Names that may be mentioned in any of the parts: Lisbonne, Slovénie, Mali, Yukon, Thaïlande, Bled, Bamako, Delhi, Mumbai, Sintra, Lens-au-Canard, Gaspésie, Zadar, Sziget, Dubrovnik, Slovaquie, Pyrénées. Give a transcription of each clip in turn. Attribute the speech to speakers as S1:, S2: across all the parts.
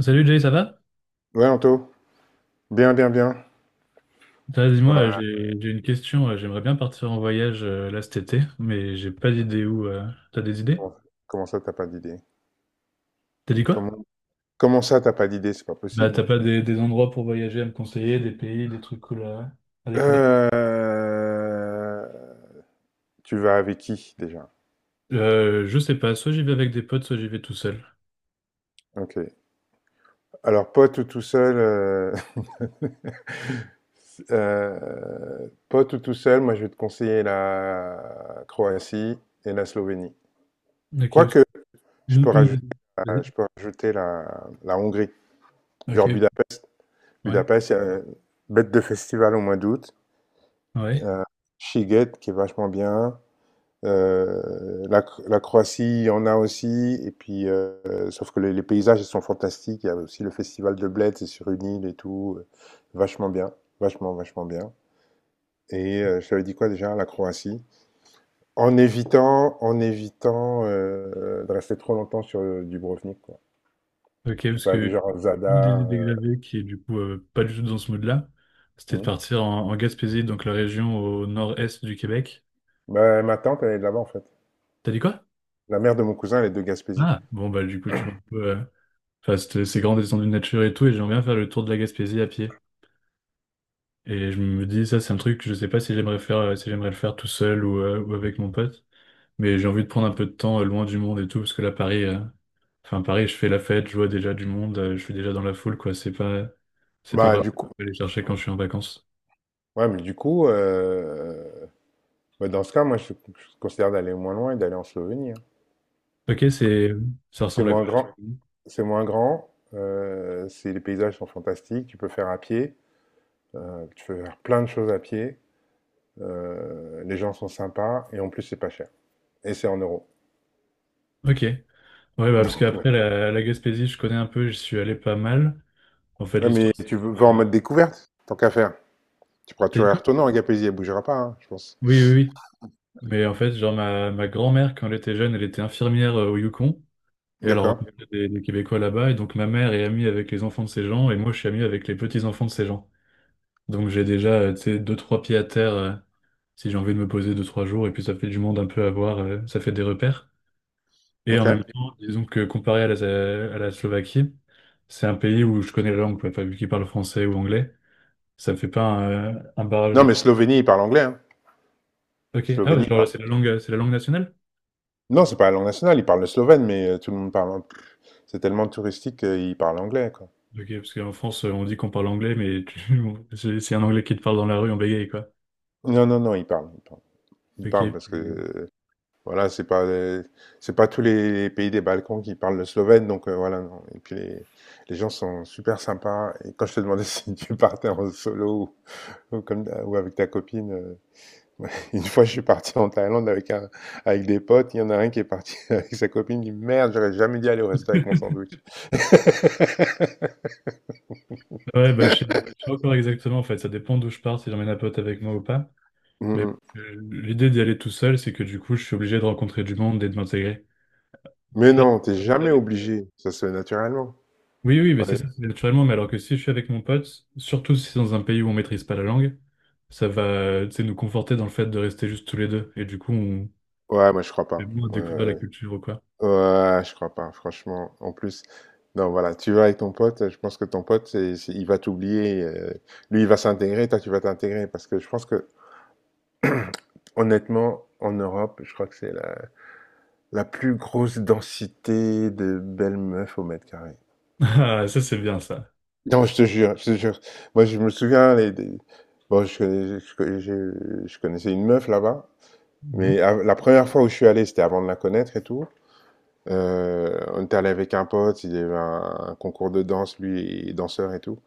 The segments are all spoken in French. S1: Salut Jay, ça va?
S2: Ouais, Anto. Bien, bien, bien.
S1: Dis-moi,
S2: Ouais,
S1: j'ai une question. J'aimerais bien partir en voyage là cet été, mais j'ai pas d'idée où. T'as des idées?
S2: comment, comment ça, t'as pas d'idée?
S1: T'as dit quoi?
S2: Comment, comment ça, t'as pas d'idée? C'est pas
S1: T'as
S2: possible.
S1: pas des endroits pour voyager à me conseiller, des pays, des trucs cool à découvrir?
S2: Euh, Tu vas avec qui, déjà?
S1: Je sais pas, soit j'y vais avec des potes, soit j'y vais tout seul.
S2: Ok. Alors, pote ou tout seul, pote ou tout seul, moi, je vais te conseiller la Croatie et la Slovénie.
S1: Ok, parce que-
S2: Quoique, je peux rajouter,
S1: une des...
S2: je peux rajouter la Hongrie.
S1: Vas-y.
S2: Genre
S1: Ok,
S2: Budapest.
S1: ouais,
S2: Budapest, il y a une bête de festival au mois d'août.
S1: ouais.
S2: Euh, Sziget, qui est vachement bien. La Croatie, il y en a aussi. Et puis, sauf que les paysages, ils sont fantastiques. Il y a aussi le festival de Bled, c'est sur une île et tout. Vachement bien, vachement, vachement bien. Et je t'avais dit quoi déjà, la Croatie? En évitant de rester trop longtemps sur Dubrovnik, quoi.
S1: Ok,
S2: Tu
S1: parce
S2: peux aller
S1: que
S2: genre à
S1: une des
S2: Zadar.
S1: idées que j'avais, qui est du coup pas du tout dans ce mood-là, c'était de
S2: Hmm.
S1: partir en, en Gaspésie, donc la région au nord-est du Québec.
S2: Bah, ma tante, elle est de là-bas, en fait.
S1: T'as dit quoi?
S2: La mère de mon cousin, elle est de Gaspésie.
S1: Ah, bon, bah, du coup, tu vois un peu, enfin, c'est grand descendu de nature et tout, et j'aimerais bien faire le tour de la Gaspésie à pied. Et je me dis, ça, c'est un truc que je sais pas si j'aimerais faire, si j'aimerais le faire tout seul ou avec mon pote. Mais j'ai envie de prendre un peu de temps, loin du monde et tout, parce que là, Paris, enfin, Paris, je fais la fête, je vois déjà du monde, je suis déjà dans la foule, quoi. C'est pas
S2: Bah,
S1: vraiment ce
S2: du
S1: que
S2: coup,
S1: je vais aller chercher quand je suis en vacances.
S2: ouais, mais du coup, bah, dans ce cas, moi, je considère d'aller moins loin et d'aller en Slovénie. Hein.
S1: Ok, ça
S2: C'est
S1: ressemble à quoi?
S2: moins
S1: La
S2: grand,
S1: Gaspésie.
S2: c'est moins grand. Les paysages sont fantastiques. Tu peux faire à pied. Tu peux faire plein de choses à pied. Les gens sont sympas et en plus, c'est pas cher. Et c'est en euros.
S1: Ok. Ouais, bah, parce
S2: Donc, ouais.
S1: qu'après, la Gaspésie, je connais un peu, j'y suis allé pas mal. En fait,
S2: Ouais, mais
S1: l'histoire, c'est-
S2: vas en
S1: euh,
S2: mode découverte, tant qu'à faire. Tu pourras
S1: t'as dit
S2: toujours
S1: quoi?
S2: retourner en Gaspésie, elle bougera pas, hein, je pense.
S1: Oui, oui, oui. Mais en fait, genre, ma grand-mère, quand elle était jeune, elle était infirmière au Yukon. Et elle
S2: D'accord,
S1: rencontrait des Québécois là-bas. Et donc, ma mère est amie avec les enfants de ces gens. Et moi, je suis ami avec les petits-enfants de ces gens. Donc, j'ai déjà, tu sais, deux, trois pieds à terre si j'ai envie de me poser deux, trois jours. Et puis, ça fait du monde un peu à voir. Ça fait des repères. Et en même
S2: ok.
S1: temps, disons que comparé à à la Slovaquie, c'est un pays où je connais la langue, quoi. Enfin, vu qu'ils parlent français ou anglais, ça me fait pas un, un barrage
S2: Non,
S1: de
S2: mais
S1: plus.
S2: Slovénie, il parle anglais. Hein.
S1: Ok. Ah, ouais,
S2: Slovénie, il
S1: genre,
S2: parle…
S1: c'est la langue nationale?
S2: Non, c'est pas la langue nationale, il parle le slovène, mais tout le monde parle… C'est tellement touristique qu'il parle anglais, quoi.
S1: Ok, parce qu'en France, on dit qu'on parle anglais, mais c'est un anglais qui te parle dans la rue, en bégaye, quoi.
S2: Non, non, non, il parle. Il
S1: Ok.
S2: parle parce que, voilà, c'est pas tous les pays des Balkans qui parlent le slovène, donc voilà, non. Et puis, les gens sont super sympas. Et quand je te demandais si tu partais en solo ou avec ta copine. Ouais, une fois, je suis parti en Thaïlande avec un, avec des potes. Il y en a un qui est parti avec sa copine. Il dit, merde, j'aurais jamais dû aller au resto avec mon sandwich.
S1: Ouais, bah, je sais pas encore exactement, en fait. Ça dépend d'où je pars, si j'emmène un pote avec moi ou pas.
S2: Mm,
S1: Mais
S2: mm.
S1: l'idée d'y aller tout seul, c'est que du coup, je suis obligé de rencontrer du monde et de m'intégrer.
S2: Mais
S1: Alors,
S2: non, t'es
S1: si j'étais
S2: jamais
S1: avec-
S2: obligé. Ça se fait naturellement.
S1: Oui, oui, mais c'est
S2: Ouais,
S1: ça, c'est naturellement. Mais alors que si je suis avec mon pote, surtout si c'est dans un pays où on maîtrise pas la langue, ça va, tu sais, nous conforter dans le fait de rester juste tous les deux. Et du coup, on
S2: ouais, moi, je crois
S1: fait
S2: pas.
S1: moins
S2: Ouais,
S1: découvrir la
S2: ouais.
S1: culture ou quoi.
S2: Ouais, je crois pas, franchement. En plus, non, voilà, tu vas avec ton pote. Je pense que ton pote, il va t'oublier. Lui, il va s'intégrer. Toi, tu vas t'intégrer. Parce que je pense que, honnêtement, en Europe, je crois que c'est la plus grosse densité de belles meufs au mètre carré.
S1: Ah, ça, c'est bien, ça.
S2: Non, je te jure, je te jure. Moi, je me souviens, bon, je connaissais une meuf là-bas,
S1: Mhm.
S2: mais la première fois où je suis allé, c'était avant de la connaître et tout. On était allé avec un pote, il y avait un concours de danse, lui, il est danseur et tout.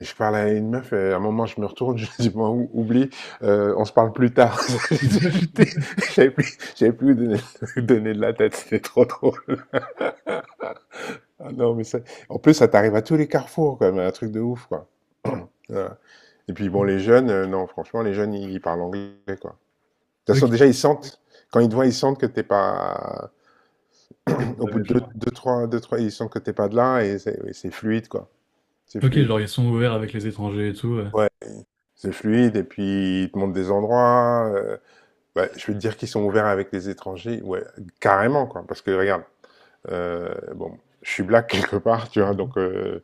S2: Mais je parle à une meuf, et à un moment, je me retourne, je dis, bon, oublie, on se parle plus tard. J'étais- J'avais plus, où donner, donner de la tête, c'était trop drôle. Ah non, mais ça, en plus, ça t'arrive à tous les carrefours, quoi, mais un truc de ouf, quoi. Ouais. Et puis bon, les jeunes, non, franchement, les jeunes, ils parlent anglais, quoi. De toute
S1: Ok,
S2: façon, déjà, ils sentent, quand ils te voient, ils sentent que t'es pas,
S1: que t'as
S2: au
S1: pas
S2: bout de
S1: méchant,
S2: deux,
S1: ouais.
S2: deux, trois, deux, trois, ils sentent que t'es pas de là et c'est fluide, quoi. C'est
S1: Ok,
S2: fluide.
S1: genre ils sont ouverts avec les étrangers et tout. Ouais.
S2: Ouais. C'est fluide et puis ils te montrent des endroits. Ouais, je veux te dire qu'ils sont ouverts avec les étrangers, ouais, carrément, quoi. Parce que regarde, bon, je suis black quelque part, tu vois,
S1: Mhm.
S2: donc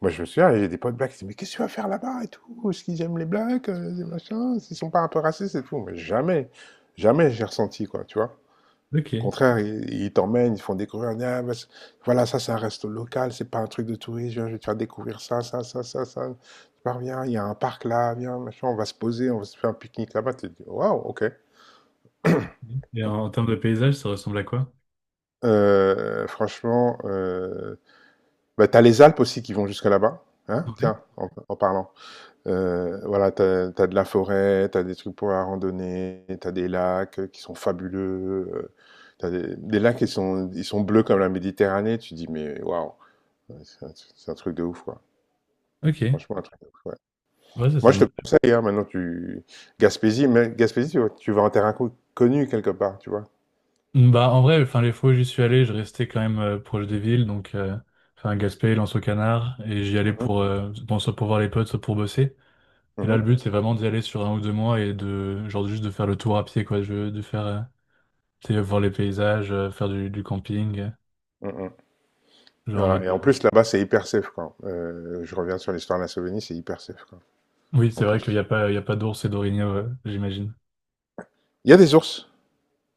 S2: moi, je me souviens, j'ai des potes blacks qui disent mais qu'est-ce que tu vas faire là-bas et tout? Est-ce qu'ils aiment les blacks? Des machins? S'ils sont pas un peu racistes et tout? Mais jamais, jamais j'ai ressenti, quoi, tu vois. Au
S1: Ok.
S2: contraire, ils t'emmènent, ils font découvrir. Ils disent, ah, bah, voilà, ça, c'est un resto local, c'est pas un truc de touriste. Viens, je vais te faire découvrir ça, ça, ça, ça, ça. Tu pars, viens, il y a un parc là, viens, machin, on va se poser, on va se faire un pique-nique là-bas. Tu te dis waouh, ok.
S1: Et en, en termes de paysage, ça ressemble à quoi?
S2: Franchement, bah, t'as les Alpes aussi qui vont jusque là-bas. Hein?
S1: Ouais.
S2: Tiens, en parlant. Voilà, t'as de la forêt, t'as des trucs pour la randonnée, tu des lacs qui sont fabuleux, tu as des lacs ils sont bleus comme la Méditerranée, tu dis mais waouh, ouais, c'est un, truc de ouf, quoi.
S1: Ok.
S2: Franchement, un truc de ouf, ouais.
S1: Ouais, ça
S2: Moi, je te
S1: sonne bien.
S2: conseille, hein, maintenant, tu… Gaspésie, mais Gaspésie, tu vas en terrain connu quelque part, tu vois.
S1: Bah en vrai, enfin les fois où j'y suis allé, je restais quand même proche des villes, donc enfin Gaspé, Lens-au-Canard, et j'y allais pour
S2: Mhm,
S1: bon soit pour voir les potes, soit pour bosser. Et là,
S2: mhm,
S1: le but c'est vraiment d'y aller sur un ou deux mois et de genre juste de faire le tour à pied quoi, de faire tu sais, voir les paysages, faire du camping,
S2: mhm. Et,
S1: genre en
S2: voilà.
S1: mode.
S2: Et en plus, là-bas, c'est hyper safe, quoi. Je reviens sur l'histoire de la Slovénie, c'est hyper safe, quoi,
S1: Oui, c'est
S2: en
S1: vrai qu'il n'y a
S2: plus.
S1: pas il y a pas d'ours et d'orignaux, j'imagine.
S2: Il y a des ours.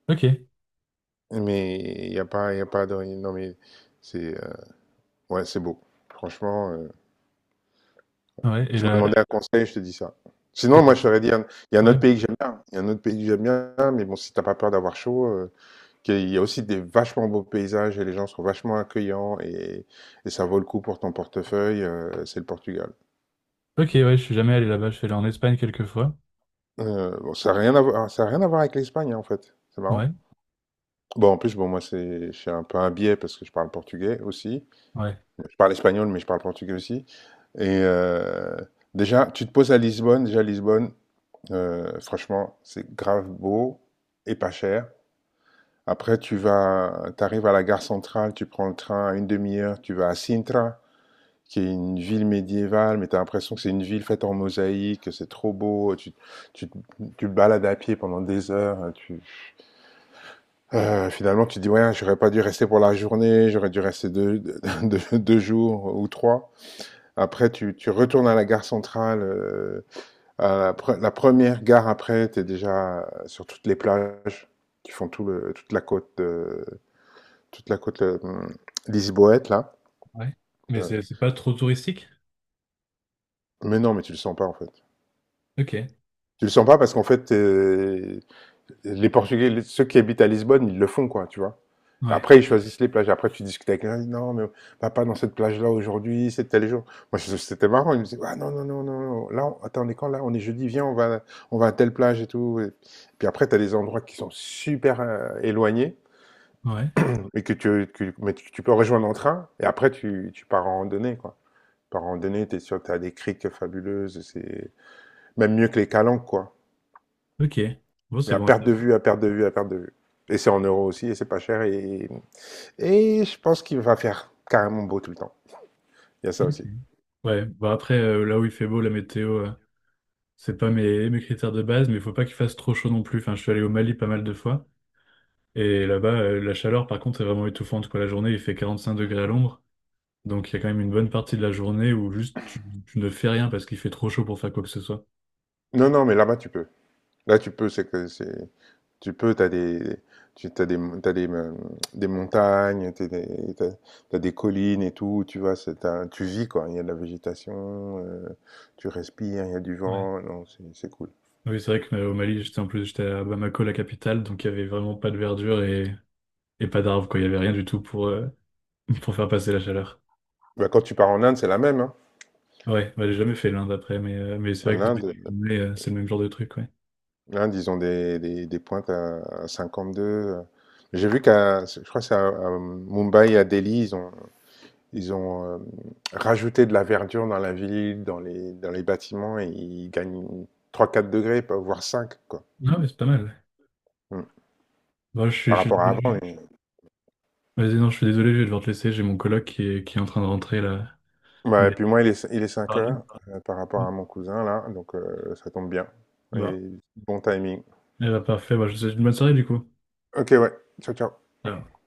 S1: Ok.
S2: Mais il n'y a pas, il a pas de… Non, mais c'est ouais, c'est beau. Franchement,
S1: Ouais,
S2: tu m'as demandé un conseil, je te dis ça.
S1: et
S2: Sinon, moi, je t'aurais dit, il y a un
S1: ouais.
S2: autre pays que j'aime bien. Il y a un autre pays que j'aime bien, mais bon, si t'as pas peur d'avoir chaud, qu'il y a aussi des vachement beaux paysages et les gens sont vachement accueillants et ça vaut le coup pour ton portefeuille, c'est le Portugal.
S1: Ok, ouais, je suis jamais allé là-bas, je suis allé en Espagne quelques fois.
S2: Bon, ça a rien à voir avec l'Espagne, hein, en fait. C'est
S1: Ouais,
S2: marrant. Bon, en plus, bon, moi, je suis un peu un biais parce que je parle portugais aussi.
S1: ouais,
S2: Je parle espagnol, mais je parle portugais aussi. Et déjà, tu te poses à Lisbonne. Déjà, Lisbonne, franchement, c'est grave beau et pas cher. Après, t'arrives à la gare centrale, tu prends le train à une demi-heure, tu vas à Sintra, qui est une ville médiévale, mais tu as l'impression que c'est une ville faite en mosaïque, que c'est trop beau. Tu, tu te balades à pied pendant des heures. Finalement, tu te dis, ouais, j'aurais pas dû rester pour la journée, j'aurais dû rester deux jours ou trois. Après, tu retournes à la gare centrale. La première gare après, tu es déjà sur toutes les plages qui font toute la côte, toute la côte lisboète là.
S1: ouais. Mais
S2: Euh,
S1: c'est pas trop touristique?
S2: mais non, mais tu le sens pas en fait.
S1: Ok,
S2: Tu le sens pas parce qu'en fait, les Portugais, ceux qui habitent à Lisbonne, ils le font, quoi, tu vois.
S1: ouais,
S2: Après, ils choisissent les plages. Après, tu discutes avec quelqu'un, non, mais va pas dans cette plage-là aujourd'hui, c'est tel jour. Moi, c'était marrant. Ils me disaient, ah non, non, non, non, non. Là, attends, on est quand là? On est jeudi, viens, on va, à telle plage et tout. Et puis après, tu as des endroits qui sont super éloignés
S1: ouais,
S2: mais tu peux rejoindre en train. Et après, tu pars en randonnée, quoi. Tu pars en randonnée, tu es sûr que tu as des criques fabuleuses. C'est même mieux que les calanques, quoi.
S1: ok. Bon,
S2: Mais
S1: c'est
S2: à
S1: bon. À
S2: perte de
S1: savoir.
S2: vue, à perte de vue, à perte de vue. Et c'est en euros aussi, et c'est pas cher. Et je pense qu'il va faire carrément beau tout le temps. Il y a ça
S1: Ok.
S2: aussi.
S1: Ouais, bah après, là où il fait beau, la météo, c'est pas mes critères de base, mais il faut pas qu'il fasse trop chaud non plus. Enfin, je suis allé au Mali pas mal de fois, et là-bas, la chaleur, par contre, est vraiment étouffante, quoi. La journée, il fait 45 degrés à l'ombre, donc il y a quand même une bonne partie de la journée où juste tu ne fais rien parce qu'il fait trop chaud pour faire quoi que ce soit.
S2: Non, non, mais là-bas, tu peux. Là, tu peux, c'est que c'est… Tu peux, t'as des… Tu as des, t'as des, euh, des montagnes, des collines et tout, tu vois, tu vis quoi, il y a de la végétation, tu respires, il y a du
S1: Ouais.
S2: vent, non, c'est cool.
S1: Oui, c'est vrai que au Mali, j'étais en plus, j'étais à Bamako, la capitale, donc il y avait vraiment pas de verdure et pas d'arbres, quoi. Il y avait rien du tout pour, pour faire passer la chaleur.
S2: Bah, quand tu pars en Inde, c'est la même, hein.
S1: Ouais, bah, j'ai jamais fait l'Inde après, mais c'est vrai
S2: En
S1: que dans les
S2: Inde,
S1: Pyrénées, c'est le même genre de truc, ouais.
S2: hein, disons des pointes à 52. J'ai vu je crois que c'est à Mumbai et à Delhi, ils ont rajouté de la verdure dans la ville, dans les bâtiments, et ils gagnent trois quatre degrés, voire cinq, quoi.
S1: Non, mais c'est pas mal. Ouais.
S2: Mm.
S1: Bon,
S2: Par
S1: je suis
S2: rapport à avant.
S1: désolé. Vas-y, non, je suis désolé, je vais devoir te laisser. J'ai mon coloc qui est en train de rentrer là.
S2: Ouais, et
S1: Mais,
S2: puis moi, il est 5
S1: pardon.
S2: heures par rapport à mon cousin, là, donc ça tombe bien.
S1: Bon,
S2: Et bon timing.
S1: eh bah, parfait. Bah, je te souhaite une bonne soirée du coup.
S2: Ok, ouais. Ciao, ciao.
S1: Ciao.